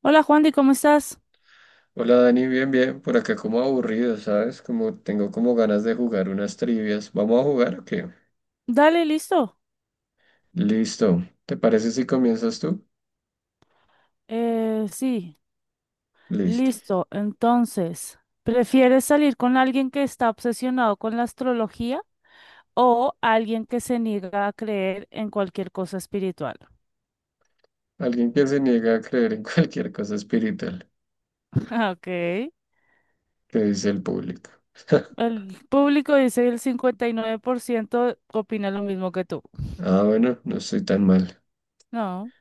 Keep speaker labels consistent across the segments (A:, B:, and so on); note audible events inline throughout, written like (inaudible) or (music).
A: Hola Juandy, ¿cómo estás?
B: Hola Dani, bien, bien, por acá como aburrido, ¿sabes? Como tengo como ganas de jugar unas trivias. ¿Vamos a jugar o qué?
A: Dale, listo.
B: Listo. ¿Te parece si comienzas tú?
A: Sí,
B: Listo.
A: listo. Entonces, ¿prefieres salir con alguien que está obsesionado con la astrología o alguien que se niega a creer en cualquier cosa espiritual?
B: Alguien que se niega a creer en (laughs) cualquier cosa espiritual,
A: (laughs) Ok.
B: que dice el público. (laughs)
A: El público dice el 59% opina lo mismo que tú.
B: Ah, bueno, no estoy tan mal.
A: No,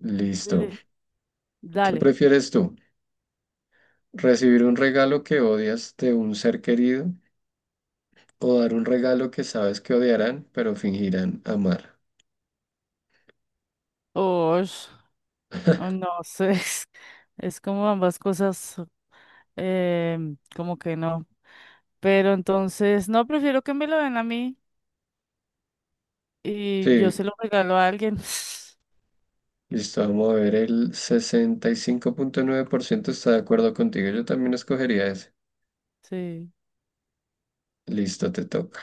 B: Listo.
A: le-
B: ¿Qué
A: dale.
B: prefieres tú? ¿Recibir un regalo que odias de un ser querido o dar un regalo que sabes que odiarán, pero fingirán amar?
A: Osh, no sé. (laughs) Es como ambas cosas, como que no. Pero entonces, no, prefiero que me lo den a mí y yo
B: Sí,
A: se lo regalo a alguien. (laughs)
B: listo, vamos a ver, el 65.9% está de acuerdo contigo. Yo también escogería ese.
A: Sí.
B: Listo, te toca.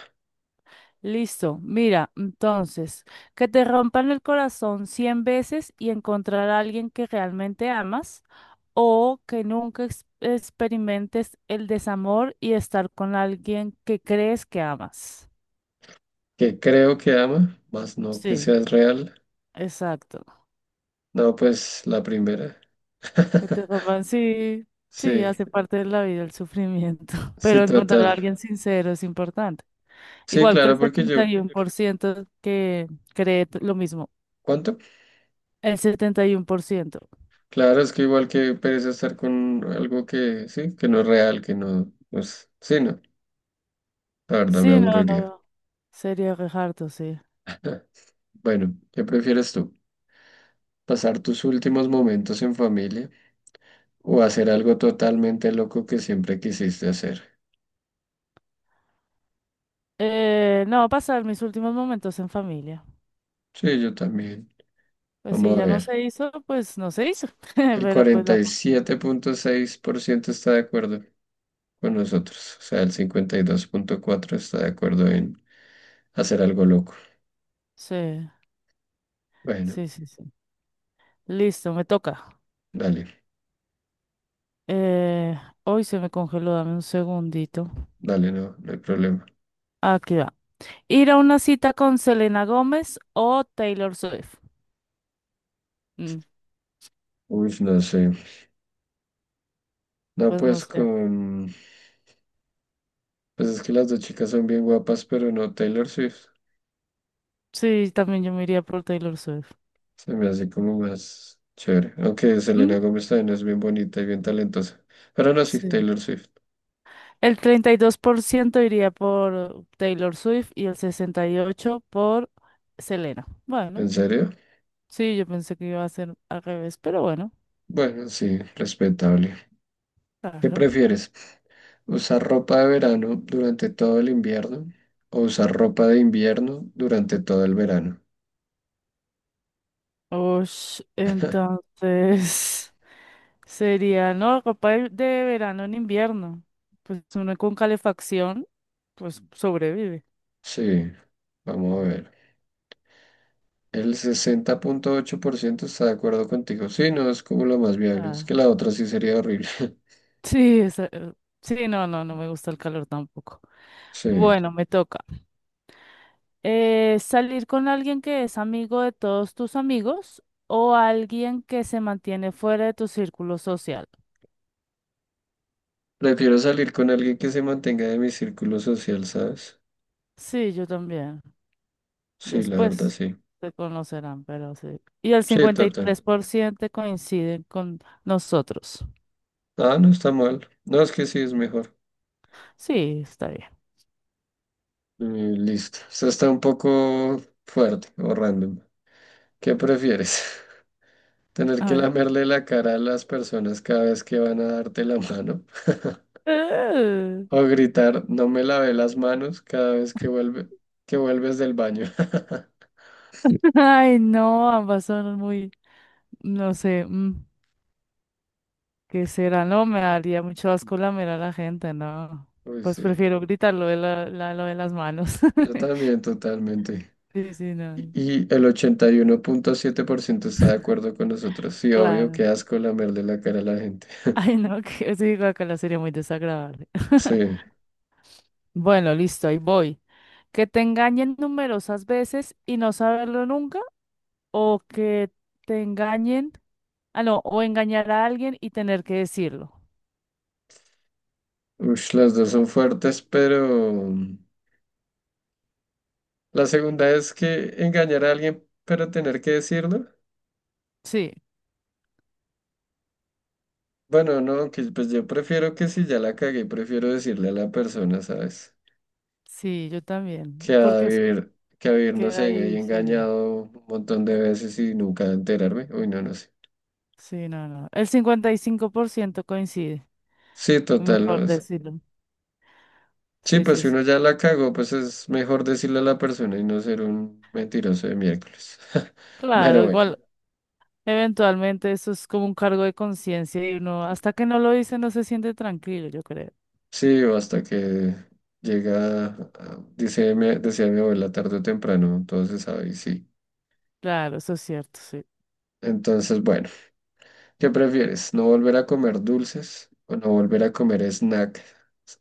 A: Listo. Mira, entonces, que te rompan el corazón 100 veces y encontrar a alguien que realmente amas o que nunca experimentes el desamor y estar con alguien que crees que amas.
B: Que creo que ama, más no que
A: Sí,
B: seas real.
A: exacto.
B: No, pues la primera. (laughs)
A: Que te rompan, sí, sí,
B: Sí,
A: hace parte de la vida el sufrimiento, (laughs)
B: sí,
A: pero encontrar a
B: total.
A: alguien sincero es importante.
B: Sí,
A: Igual que el
B: claro, porque
A: setenta
B: yo,
A: y uno por ciento que lo mismo.
B: ¿cuánto?
A: El setenta y uno por ciento.
B: Claro, es que igual que pereza estar con algo que, sí, que no es real, que no, pues, sí, no, la verdad me
A: Sí, no,
B: aburriría.
A: no. Sería re harto, sí.
B: Bueno, ¿qué prefieres tú? ¿Pasar tus últimos momentos en familia? O hacer algo totalmente loco que siempre quisiste hacer.
A: No, pasar mis últimos momentos en familia.
B: Sí, yo también.
A: Pues si
B: Vamos a
A: ya no
B: ver.
A: se hizo, pues no se hizo. (laughs)
B: El
A: Pero pues
B: cuarenta
A: la
B: y
A: familia.
B: siete punto seis por ciento está de acuerdo con nosotros. O sea, el 52.4% está de acuerdo en hacer algo loco.
A: Sí,
B: Bueno,
A: sí, sí, sí. Listo, me toca.
B: dale,
A: Eh, hoy se me congeló, dame un segundito.
B: dale, no, no hay problema.
A: Aquí va. Ir a una cita con Selena Gómez o Taylor Swift. Mm,
B: Uy, no sé. No,
A: pues no
B: pues
A: sé.
B: con... Pues es que las dos chicas son bien guapas, pero no Taylor Swift.
A: Sí, también yo me iría por Taylor Swift.
B: Se me hace como más chévere. Aunque Selena
A: ¿Mm?
B: Gómez también es bien bonita y bien talentosa. Pero no, sí,
A: Sí.
B: Taylor Swift.
A: El 32% iría por Taylor Swift y el 68% por Selena. Bueno,
B: ¿En serio?
A: sí, yo pensé que iba a ser al revés, pero bueno,
B: Bueno, sí, respetable. ¿Qué
A: claro.
B: prefieres? ¿Usar ropa de verano durante todo el invierno o usar ropa de invierno durante todo el verano?
A: Ush, entonces (laughs) sería, no, ropa de, verano en invierno. Pues uno con calefacción, pues sobrevive.
B: Sí, vamos a ver. El 60.8% está de acuerdo contigo. Sí, no, es como lo más viable. Es
A: Ah,
B: que la otra sí sería horrible. (laughs)
A: sí, sí, no, no, no me gusta el calor tampoco.
B: Sí.
A: Bueno, me toca. Salir con alguien que es amigo de todos tus amigos o alguien que se mantiene fuera de tu círculo social.
B: Prefiero salir con alguien que se mantenga de mi círculo social, ¿sabes?
A: Sí, yo también.
B: Sí, la verdad,
A: Después
B: sí.
A: se conocerán, pero sí. Y el
B: Sí,
A: cincuenta y
B: total.
A: tres por ciento coinciden con nosotros.
B: Ah, no está mal. No, es que sí, es mejor.
A: Sí, está bien.
B: Listo. Esto está un poco fuerte o random. ¿Qué prefieres? (laughs) ¿Tener
A: A
B: que
A: ver.
B: lamerle la cara a las personas cada vez que van a darte la mano?
A: Eh,
B: ¿O gritar, no me lavé las manos cada vez que que vuelves del baño? (laughs)
A: (laughs) Ay, no, ambas son muy, no sé, ¿qué será? No, me daría mucho asco lamer a la gente, no.
B: Uy,
A: Pues
B: sí.
A: prefiero gritar lo de la, lo de las manos.
B: Yo
A: (laughs)
B: también, totalmente.
A: Sí, sí,
B: Y
A: no.
B: y el 81.7% está de acuerdo con nosotros. Sí, obvio,
A: Claro.
B: qué asco lamerle la cara a la gente.
A: (laughs) Ay, no, que sí, guácala, sería muy desagradable. (laughs)
B: Sí.
A: Bueno, listo, ahí voy. Que te engañen numerosas veces y no saberlo nunca, o que te engañen, ah, no, o engañar a alguien y tener que decirlo.
B: Uy, las dos son fuertes, pero... La segunda es que engañar a alguien, pero tener que decirlo.
A: Sí,
B: Bueno, no, aunque pues yo prefiero que si ya la cagué, prefiero decirle a la persona, ¿sabes?
A: sí, yo también,
B: Que a
A: porque eso
B: vivir, que a vivir, no
A: queda
B: sé, ahí
A: ahí, sí,
B: engañado un montón de veces y nunca enterarme. Uy, no, no sé.
A: sí, no, no. El 55% coincide,
B: Sí, total, no
A: mejor
B: es.
A: decirlo.
B: Sí,
A: Sí,
B: pues
A: sí,
B: si
A: sí.
B: uno ya la cagó, pues es mejor decirle a la persona y no ser un mentiroso de miércoles. (laughs) Bueno,
A: Claro,
B: bueno.
A: igual. Eventualmente eso es como un cargo de conciencia y uno, hasta que no lo dice, no se siente tranquilo, yo creo.
B: Sí, o hasta que llega, dice, decía mi abuela, tarde o temprano, entonces, ¿sabes? Sí.
A: Claro, eso es cierto, sí.
B: Entonces, bueno, ¿qué prefieres? ¿No volver a comer dulces o no volver a comer snacks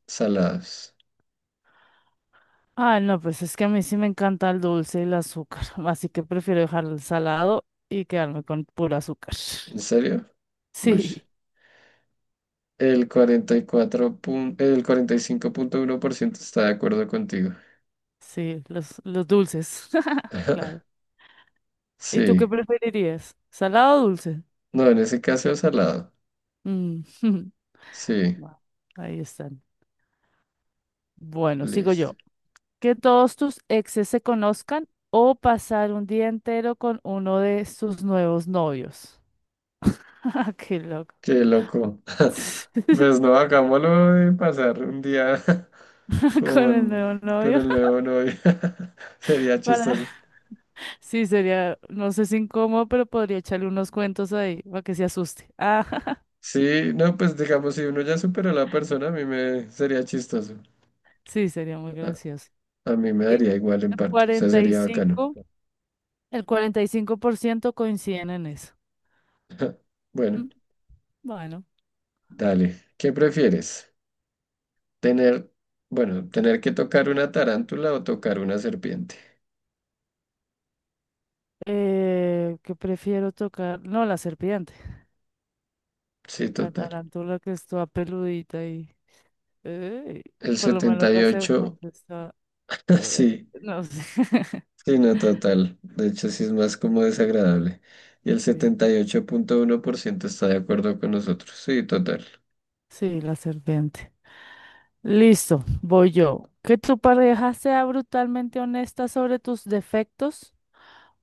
B: salados?
A: Ah, no, pues es que a mí sí me encanta el dulce y el azúcar, (laughs) así que prefiero dejar el salado y quedarme con puro azúcar.
B: ¿En
A: (laughs)
B: serio? Uy.
A: Sí,
B: El el 45.1% está de acuerdo contigo.
A: sí, los, dulces, (laughs) claro.
B: (laughs)
A: ¿Y tú qué
B: Sí.
A: preferirías? ¿Salado o dulce?
B: No, en ese caso es salado.
A: Mm, (laughs)
B: Sí,
A: bueno, ahí están. Bueno, sigo
B: listo.
A: yo. Que todos tus exes se conozcan o pasar un día entero con uno de sus nuevos novios. (laughs) Qué loco.
B: Qué loco. (laughs)
A: (laughs)
B: Pues no, hagámoslo de pasar un día (laughs)
A: Con el
B: con,
A: nuevo
B: con
A: novio.
B: el
A: (laughs)
B: nuevo novio. (laughs) Sería
A: Para...
B: chistoso.
A: Sí, sería, no sé si incómodo, pero podría echarle unos cuentos ahí para que se asuste. Ah, (laughs)
B: Sí, no, pues digamos, si uno ya supera a la persona, a mí me sería chistoso.
A: sí, sería muy
B: A,
A: gracioso.
B: a mí me
A: Y
B: daría igual en
A: el
B: parte, o sea,
A: cuarenta y
B: sería bacano.
A: cinco el 45% coinciden en eso.
B: (laughs) Bueno,
A: Mm, bueno,
B: dale. ¿Qué prefieres? Tener, bueno, tener que tocar una tarántula o tocar una serpiente.
A: ¿qué prefiero tocar? No, la serpiente,
B: Sí,
A: la
B: total.
A: tarántula que está peludita y... Eh,
B: El
A: por lo menos la
B: 78,
A: serpiente está.
B: (laughs)
A: eh,
B: sí,
A: no sé. (laughs)
B: sí, no, total. De hecho, sí es más como desagradable. Y el
A: Sí,
B: 78.1% está de acuerdo con nosotros. Sí, total.
A: sí, la serpiente. Listo, voy yo. Que tu pareja sea brutalmente honesta sobre tus defectos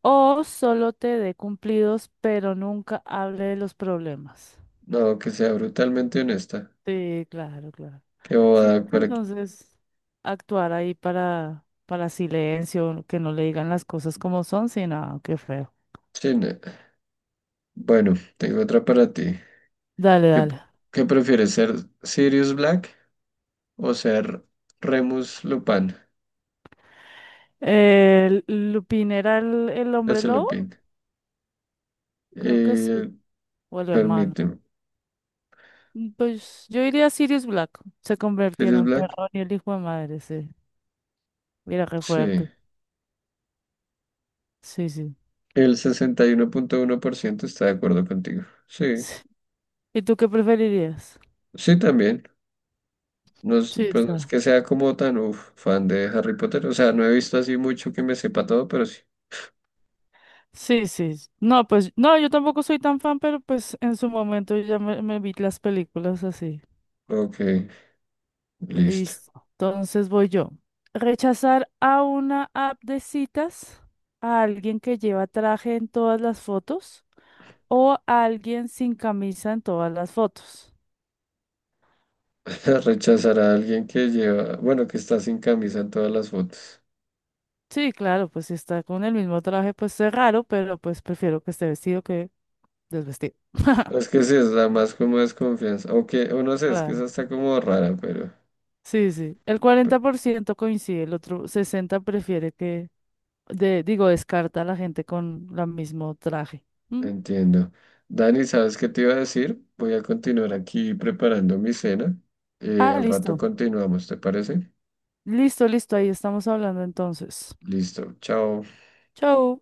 A: o solo te dé cumplidos, pero nunca hable de los problemas.
B: No, que sea brutalmente honesta.
A: Sí, claro, claro.
B: Qué
A: Sí,
B: bobada
A: porque
B: para...
A: entonces actuar ahí para silencio, que no le digan las cosas como son, sí, nada, qué feo.
B: Sí, no. Bueno, tengo otra para ti.
A: Dale,
B: ¿Qué,
A: dale.
B: ¿qué prefieres ser Sirius Black o ser Remus Lupin
A: Lupin era el hombre
B: de
A: lobo,
B: Lupin?
A: creo que sí,
B: Eh,
A: o el hermano.
B: permíteme.
A: Pues yo diría Sirius Black, se convertía en
B: ¿Sirius
A: un
B: Black?
A: perro y el hijo de madre, sí. Mira qué
B: Sí.
A: fuerte. Sí, sí.
B: El sesenta y uno uno punto uno por ciento está de acuerdo contigo. Sí,
A: Sí. ¿Y tú qué preferirías?
B: sí también. No es,
A: Sí,
B: pues no es
A: está.
B: que sea como tan uf, fan de Harry Potter. O sea, no he visto así mucho que me sepa todo, pero sí.
A: Sí, sí, sí. No, pues no, yo tampoco soy tan fan, pero pues en su momento ya me vi las películas así.
B: Ok, listo.
A: Listo. Entonces voy yo. Rechazar a una app de citas a alguien que lleva traje en todas las fotos o alguien sin camisa en todas las fotos.
B: (laughs) Rechazar a alguien que lleva, bueno, que está sin camisa en todas las fotos.
A: Sí, claro, pues si está con el mismo traje, pues es raro, pero pues prefiero que esté vestido que desvestido. (laughs)
B: Pues es que sí, es la más como desconfianza. O que, o no sé, es que
A: Claro.
B: esa está como rara,
A: Sí, sí. El
B: pero
A: 40% coincide, el otro 60% prefiere que, de, digo, descarta a la gente con el mismo traje. ¿Mm?
B: entiendo. Dani, ¿sabes qué te iba a decir? Voy a continuar aquí preparando mi cena.
A: Ah,
B: Al rato
A: listo.
B: continuamos, ¿te parece?
A: Listo, listo. Ahí estamos hablando entonces.
B: Listo, chao.
A: Chau.